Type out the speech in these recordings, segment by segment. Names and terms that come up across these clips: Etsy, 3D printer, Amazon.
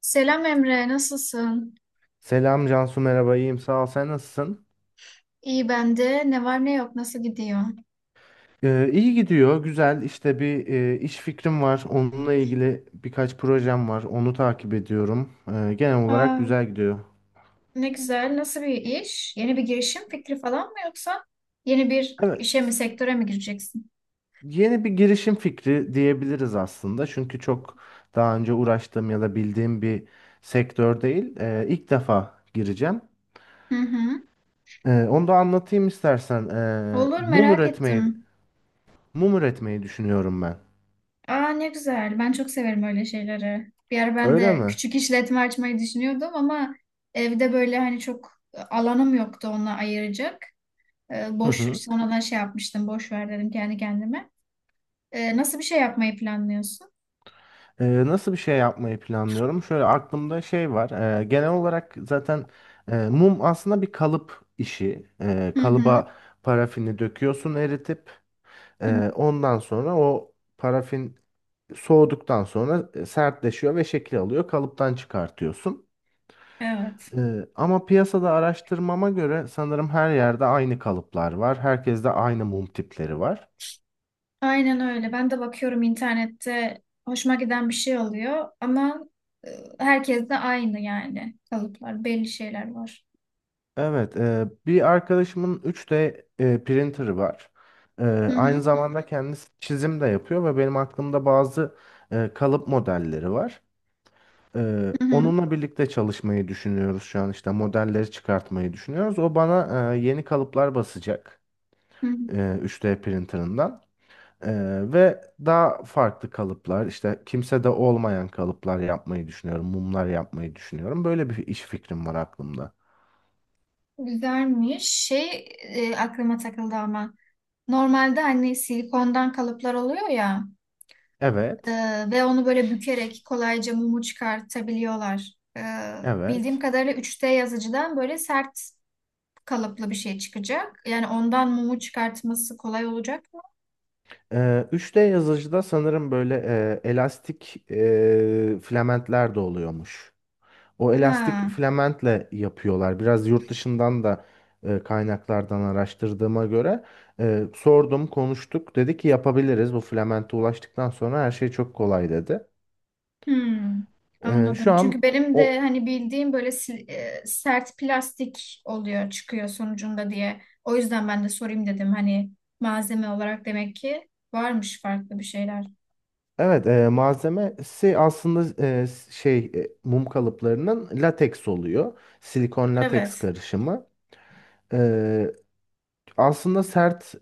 Selam Emre, nasılsın? Selam Cansu, merhaba, iyiyim sağ ol, sen nasılsın? İyi ben de. Ne var ne yok, nasıl gidiyor? İyi gidiyor, güzel işte, bir iş fikrim var, onunla ilgili birkaç projem var, onu takip ediyorum. Genel olarak Aa, güzel gidiyor. ne güzel. Nasıl bir iş? Yeni bir girişim fikri falan mı yoksa yeni bir işe mi, Evet, sektöre mi gireceksin? yeni bir girişim fikri diyebiliriz aslında, çünkü çok daha önce uğraştığım ya da bildiğim bir sektör değil. İlk defa gireceğim. Hı hı. Onu da anlatayım istersen. Ee, Olur, mum merak üretmeyi ettim. mum üretmeyi düşünüyorum ben. Aa, ne güzel. Ben çok severim öyle şeyleri. Bir ara ben Öyle de mi? küçük işletme açmayı düşünüyordum ama evde böyle hani çok alanım yoktu onunla ayıracak. Boş sonradan şey yapmıştım. Boş ver dedim kendi kendime. Nasıl bir şey yapmayı planlıyorsun? Nasıl bir şey yapmayı planlıyorum? Şöyle aklımda şey var. Genel olarak zaten mum aslında bir kalıp işi. Hı Kalıba parafini döküyorsun eritip, hı. Ondan sonra o parafin soğuduktan sonra sertleşiyor ve şekil alıyor. Kalıptan çıkartıyorsun. Evet. Ama piyasada araştırmama göre sanırım her yerde aynı kalıplar var. Herkeste aynı mum tipleri var. Aynen öyle. Ben de bakıyorum internette hoşuma giden bir şey oluyor ama e, herkes de aynı yani kalıplar, belli şeyler var. Evet, bir arkadaşımın üç d printer'ı var. E, Hı Aynı hı, zamanda kendisi çizim de yapıyor ve benim aklımda bazı kalıp modelleri var. Hı hı, Onunla birlikte çalışmayı düşünüyoruz, şu an işte modelleri çıkartmayı düşünüyoruz. O bana yeni kalıplar basacak hı hı. e, 3D printer'ından. E, Ve daha farklı kalıplar, işte kimsede olmayan kalıplar yapmayı düşünüyorum, mumlar yapmayı düşünüyorum. Böyle bir iş fikrim var aklımda. Güzelmiş. Aklıma takıldı ama normalde hani silikondan kalıplar oluyor ya e, Evet, ve onu böyle bükerek kolayca mumu çıkartabiliyorlar. Bildiğim evet. kadarıyla 3D yazıcıdan böyle sert kalıplı bir şey çıkacak. Yani ondan mumu çıkartması kolay olacak mı? 3D yazıcıda sanırım böyle elastik filamentler de oluyormuş. O elastik Ha. filamentle yapıyorlar. Biraz yurt dışından da kaynaklardan araştırdığıma göre sordum, konuştuk. Dedi ki yapabiliriz. Bu filamente ulaştıktan sonra her şey çok kolay, dedi. Hmm, anladım. Şu Çünkü an benim o, de hani bildiğim böyle sert plastik oluyor çıkıyor sonucunda diye. O yüzden ben de sorayım dedim. Hani malzeme olarak demek ki varmış farklı bir şeyler. evet, malzemesi aslında şey, mum kalıplarının lateks oluyor. Silikon lateks Evet, karışımı. E, Aslında sert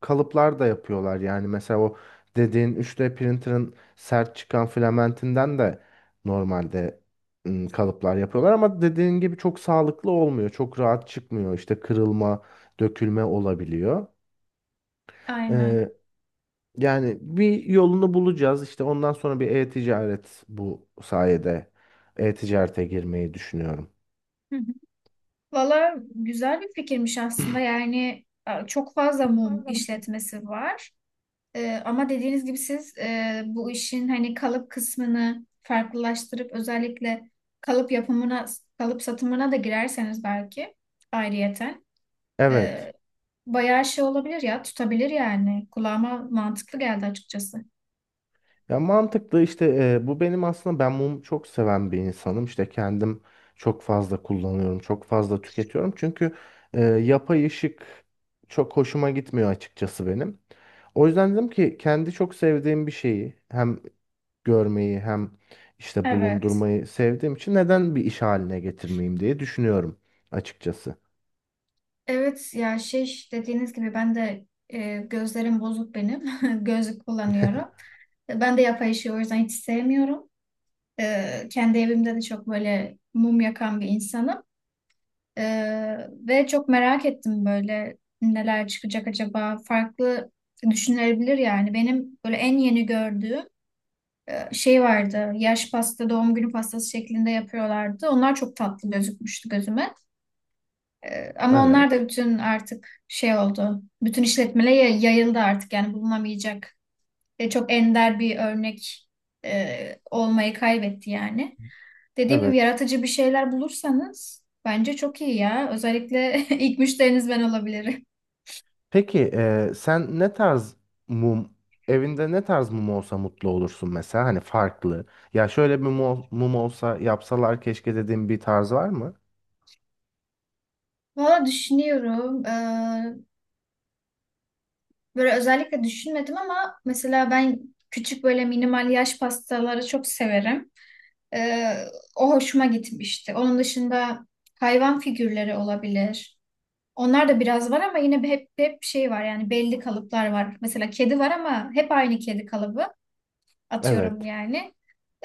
kalıplar da yapıyorlar. Yani mesela o dediğin üç d printer'ın sert çıkan filamentinden de normalde kalıplar yapıyorlar, ama dediğin gibi çok sağlıklı olmuyor. Çok rahat çıkmıyor. İşte kırılma, dökülme olabiliyor. aynen. Ee, Yani bir yolunu bulacağız. İşte ondan sonra bir e-ticaret, bu sayede e-ticarete girmeyi düşünüyorum. Hı hı. Valla güzel bir fikirmiş aslında. Yani çok fazla mum işletmesi var. Ama dediğiniz gibi siz bu işin hani kalıp kısmını farklılaştırıp özellikle kalıp yapımına, kalıp satımına da girerseniz belki ayrıyeten e, Evet. bayağı şey olabilir ya tutabilir yani. Kulağıma mantıklı geldi açıkçası. Ya mantıklı işte, bu benim aslında, ben mumu çok seven bir insanım. İşte kendim çok fazla kullanıyorum, çok fazla tüketiyorum. Çünkü yapay ışık çok hoşuma gitmiyor açıkçası benim. O yüzden dedim ki, kendi çok sevdiğim bir şeyi hem görmeyi hem işte Evet. bulundurmayı sevdiğim için neden bir iş haline getirmeyeyim diye düşünüyorum açıkçası. Evet ya şey dediğiniz gibi ben de gözlerim bozuk benim. Gözlük kullanıyorum. Ben de yapay ışığı o yüzden hiç sevmiyorum. Kendi evimde de çok böyle mum yakan bir insanım. Ve çok merak ettim böyle neler çıkacak acaba farklı düşünülebilir yani benim böyle en yeni gördüğüm şey vardı, yaş pasta, doğum günü pastası şeklinde yapıyorlardı, onlar çok tatlı gözükmüştü gözüme. Ama onlar da Evet. bütün artık şey oldu, bütün işletmelere yayıldı artık, yani bulunamayacak ve çok ender bir örnek olmayı kaybetti yani. Dediğim gibi Evet. yaratıcı bir şeyler bulursanız bence çok iyi ya. Özellikle ilk müşteriniz ben olabilirim. Peki sen ne tarz mum, evinde ne tarz mum olsa mutlu olursun mesela, hani farklı. Ya şöyle bir mum olsa yapsalar keşke dediğin bir tarz var mı? Valla düşünüyorum. Böyle özellikle düşünmedim ama mesela ben küçük böyle minimal yaş pastaları çok severim. Ee, O hoşuma gitmişti. Onun dışında hayvan figürleri olabilir. Onlar da biraz var ama yine hep şey var yani belli kalıplar var. Mesela kedi var ama hep aynı kedi kalıbı atıyorum Evet. yani.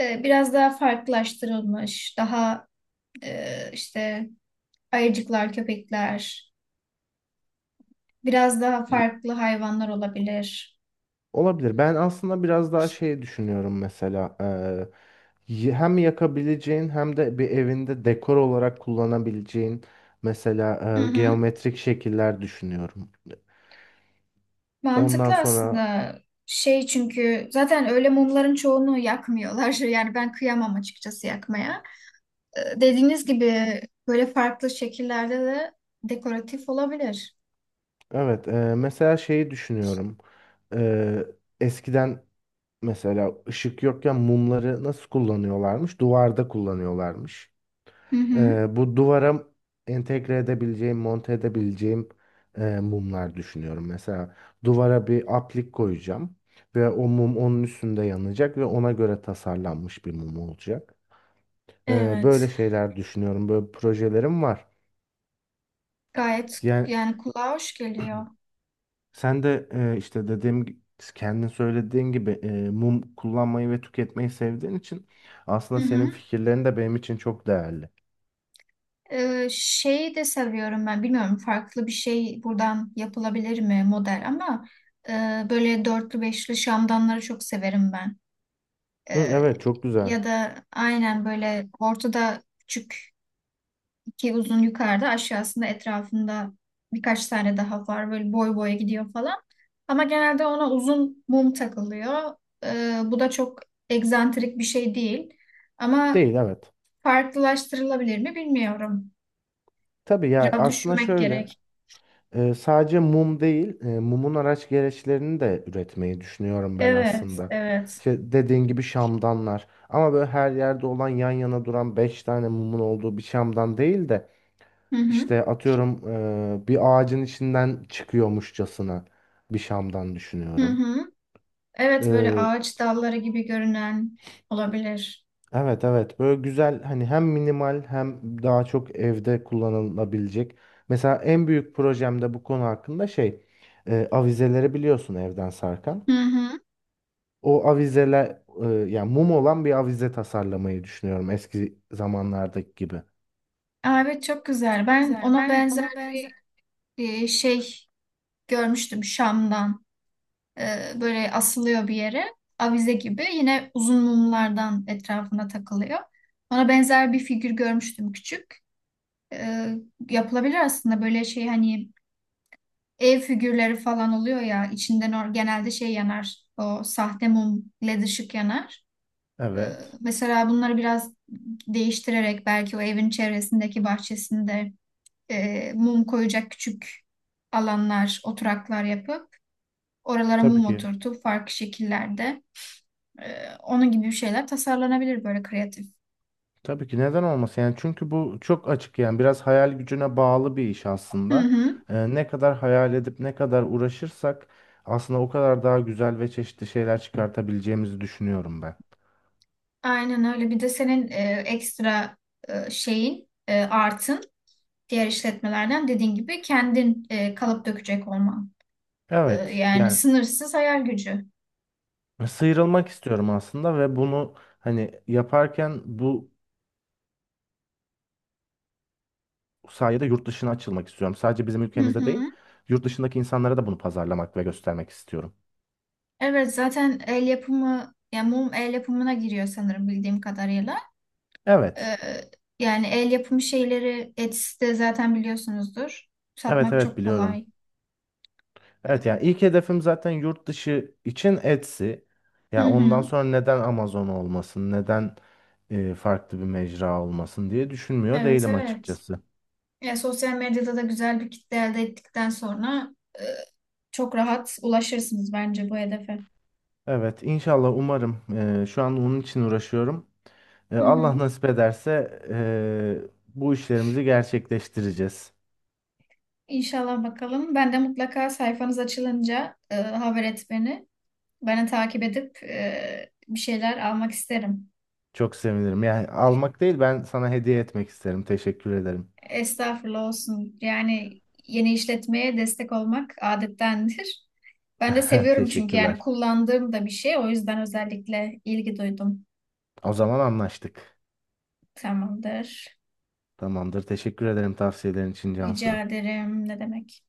Biraz daha farklılaştırılmış, daha işte ayıcıklar, köpekler, biraz daha Y- farklı hayvanlar olabilir. Olabilir. Ben aslında biraz daha şey düşünüyorum, mesela hem yakabileceğin hem de bir evinde dekor olarak kullanabileceğin, mesela Hı hı. geometrik şekiller düşünüyorum. Ondan Mantıklı sonra, aslında. Şey çünkü zaten öyle mumların çoğunu yakmıyorlar. Yani ben kıyamam açıkçası yakmaya. Dediğiniz gibi böyle farklı şekillerde de dekoratif olabilir. evet, mesela şeyi düşünüyorum. Eee eskiden, mesela ışık yokken mumları nasıl kullanıyorlarmış? Duvarda kullanıyorlarmış. Hı hı. Bu duvara entegre edebileceğim, monte edebileceğim mumlar düşünüyorum. Mesela duvara bir aplik koyacağım ve o mum onun üstünde yanacak ve ona göre tasarlanmış bir mum olacak. Böyle Evet. şeyler düşünüyorum. Böyle projelerim var. Gayet Yani yani kulağa hoş geliyor. sen de, işte dediğim, kendin söylediğin gibi mum kullanmayı ve tüketmeyi sevdiğin için Hı aslında hı. senin fikirlerin de benim için çok değerli. Şeyi de seviyorum ben. Bilmiyorum farklı bir şey buradan yapılabilir mi model, ama e, böyle dörtlü beşli şamdanları çok severim ben. Hı, Ee, evet, çok güzel. Ya da aynen böyle ortada küçük iki uzun, yukarıda aşağısında etrafında birkaç tane daha var. Böyle boy boya gidiyor falan. Ama genelde ona uzun mum takılıyor. Bu da çok egzantrik bir şey değil. Ama Değil, evet. farklılaştırılabilir mi bilmiyorum. Tabii ya, Biraz aslında düşünmek şöyle, gerek. Sadece mum değil, mumun araç gereçlerini de üretmeyi düşünüyorum ben Evet, aslında. evet. İşte dediğin gibi şamdanlar, ama böyle her yerde olan, yan yana duran 5 tane mumun olduğu bir şamdan değil de, Hı hı, İşte atıyorum, bir ağacın içinden çıkıyormuşçasına bir Şam'dan hı düşünüyorum. hı. Evet, böyle E, ağaç dalları gibi görünen olabilir. evet, evet, böyle güzel, hani hem minimal hem daha çok evde kullanılabilecek. Mesela en büyük projemde bu konu hakkında şey, avizeleri biliyorsun, evden sarkan. Hı hı. O avizeler, yani mum olan bir avize tasarlamayı düşünüyorum eski zamanlardaki gibi. Aa, evet, çok güzel. Çok Ben güzel. ona Ben benzer ona benzer. Şey görmüştüm Şam'dan. Böyle asılıyor bir yere. Avize gibi. Yine uzun mumlardan etrafına takılıyor. Ona benzer bir figür görmüştüm küçük. Ee, Yapılabilir aslında böyle şey hani ev figürleri falan oluyor ya içinden genelde şey yanar. O sahte mum led ışık yanar. Ee, Evet. Mesela bunları biraz değiştirerek belki o evin çevresindeki bahçesinde mum koyacak küçük alanlar, oturaklar yapıp oralara Tabii mum ki. oturtup farklı şekillerde onun gibi bir şeyler tasarlanabilir böyle kreatif. Tabii ki, neden olmasın yani, çünkü bu çok açık, yani biraz hayal gücüne bağlı bir iş Hı aslında. hı. Ne kadar hayal edip ne kadar uğraşırsak aslında o kadar daha güzel ve çeşitli şeyler çıkartabileceğimizi düşünüyorum ben. Aynen öyle. Bir de senin ekstra şeyin, artın diğer işletmelerden dediğin gibi kendin kalıp dökecek olman. Evet Yani yani, sınırsız hayal gücü. sıyrılmak istiyorum aslında ve bunu hani yaparken bu sayede yurt dışına açılmak istiyorum. Sadece bizim Hı ülkemizde değil, hı. yurt dışındaki insanlara da bunu pazarlamak ve göstermek istiyorum. Evet zaten el yapımı, yani mum el yapımına giriyor sanırım bildiğim kadarıyla. Evet, Ee, Yani el yapımı şeyleri Etsy'de zaten biliyorsunuzdur. evet, Satmak evet, çok biliyorum. kolay. Evet yani, Ee, ilk hedefim zaten yurt dışı için Etsy. hı Yani ondan hı. sonra neden Amazon olmasın, neden farklı bir mecra olmasın diye düşünmüyor Evet değilim evet. açıkçası. Ya sosyal medyada da güzel bir kitle elde ettikten sonra e, çok rahat ulaşırsınız bence bu hedefe. Evet, inşallah, umarım şu an onun için uğraşıyorum. Hı hı. Allah nasip ederse bu işlerimizi gerçekleştireceğiz. İnşallah bakalım. Ben de mutlaka sayfanız açılınca haber et beni. Beni takip edip bir şeyler almak isterim. Çok sevinirim. Yani almak değil, ben sana hediye etmek isterim. Teşekkür ederim. Estağfurullah olsun. Yani yeni işletmeye destek olmak adettendir. Ben de seviyorum çünkü yani Teşekkürler. kullandığım da bir şey. O yüzden özellikle ilgi duydum. O zaman anlaştık. Tamamdır. Tamamdır. Teşekkür ederim tavsiyelerin için Rica Cansu. ederim. Ne demek?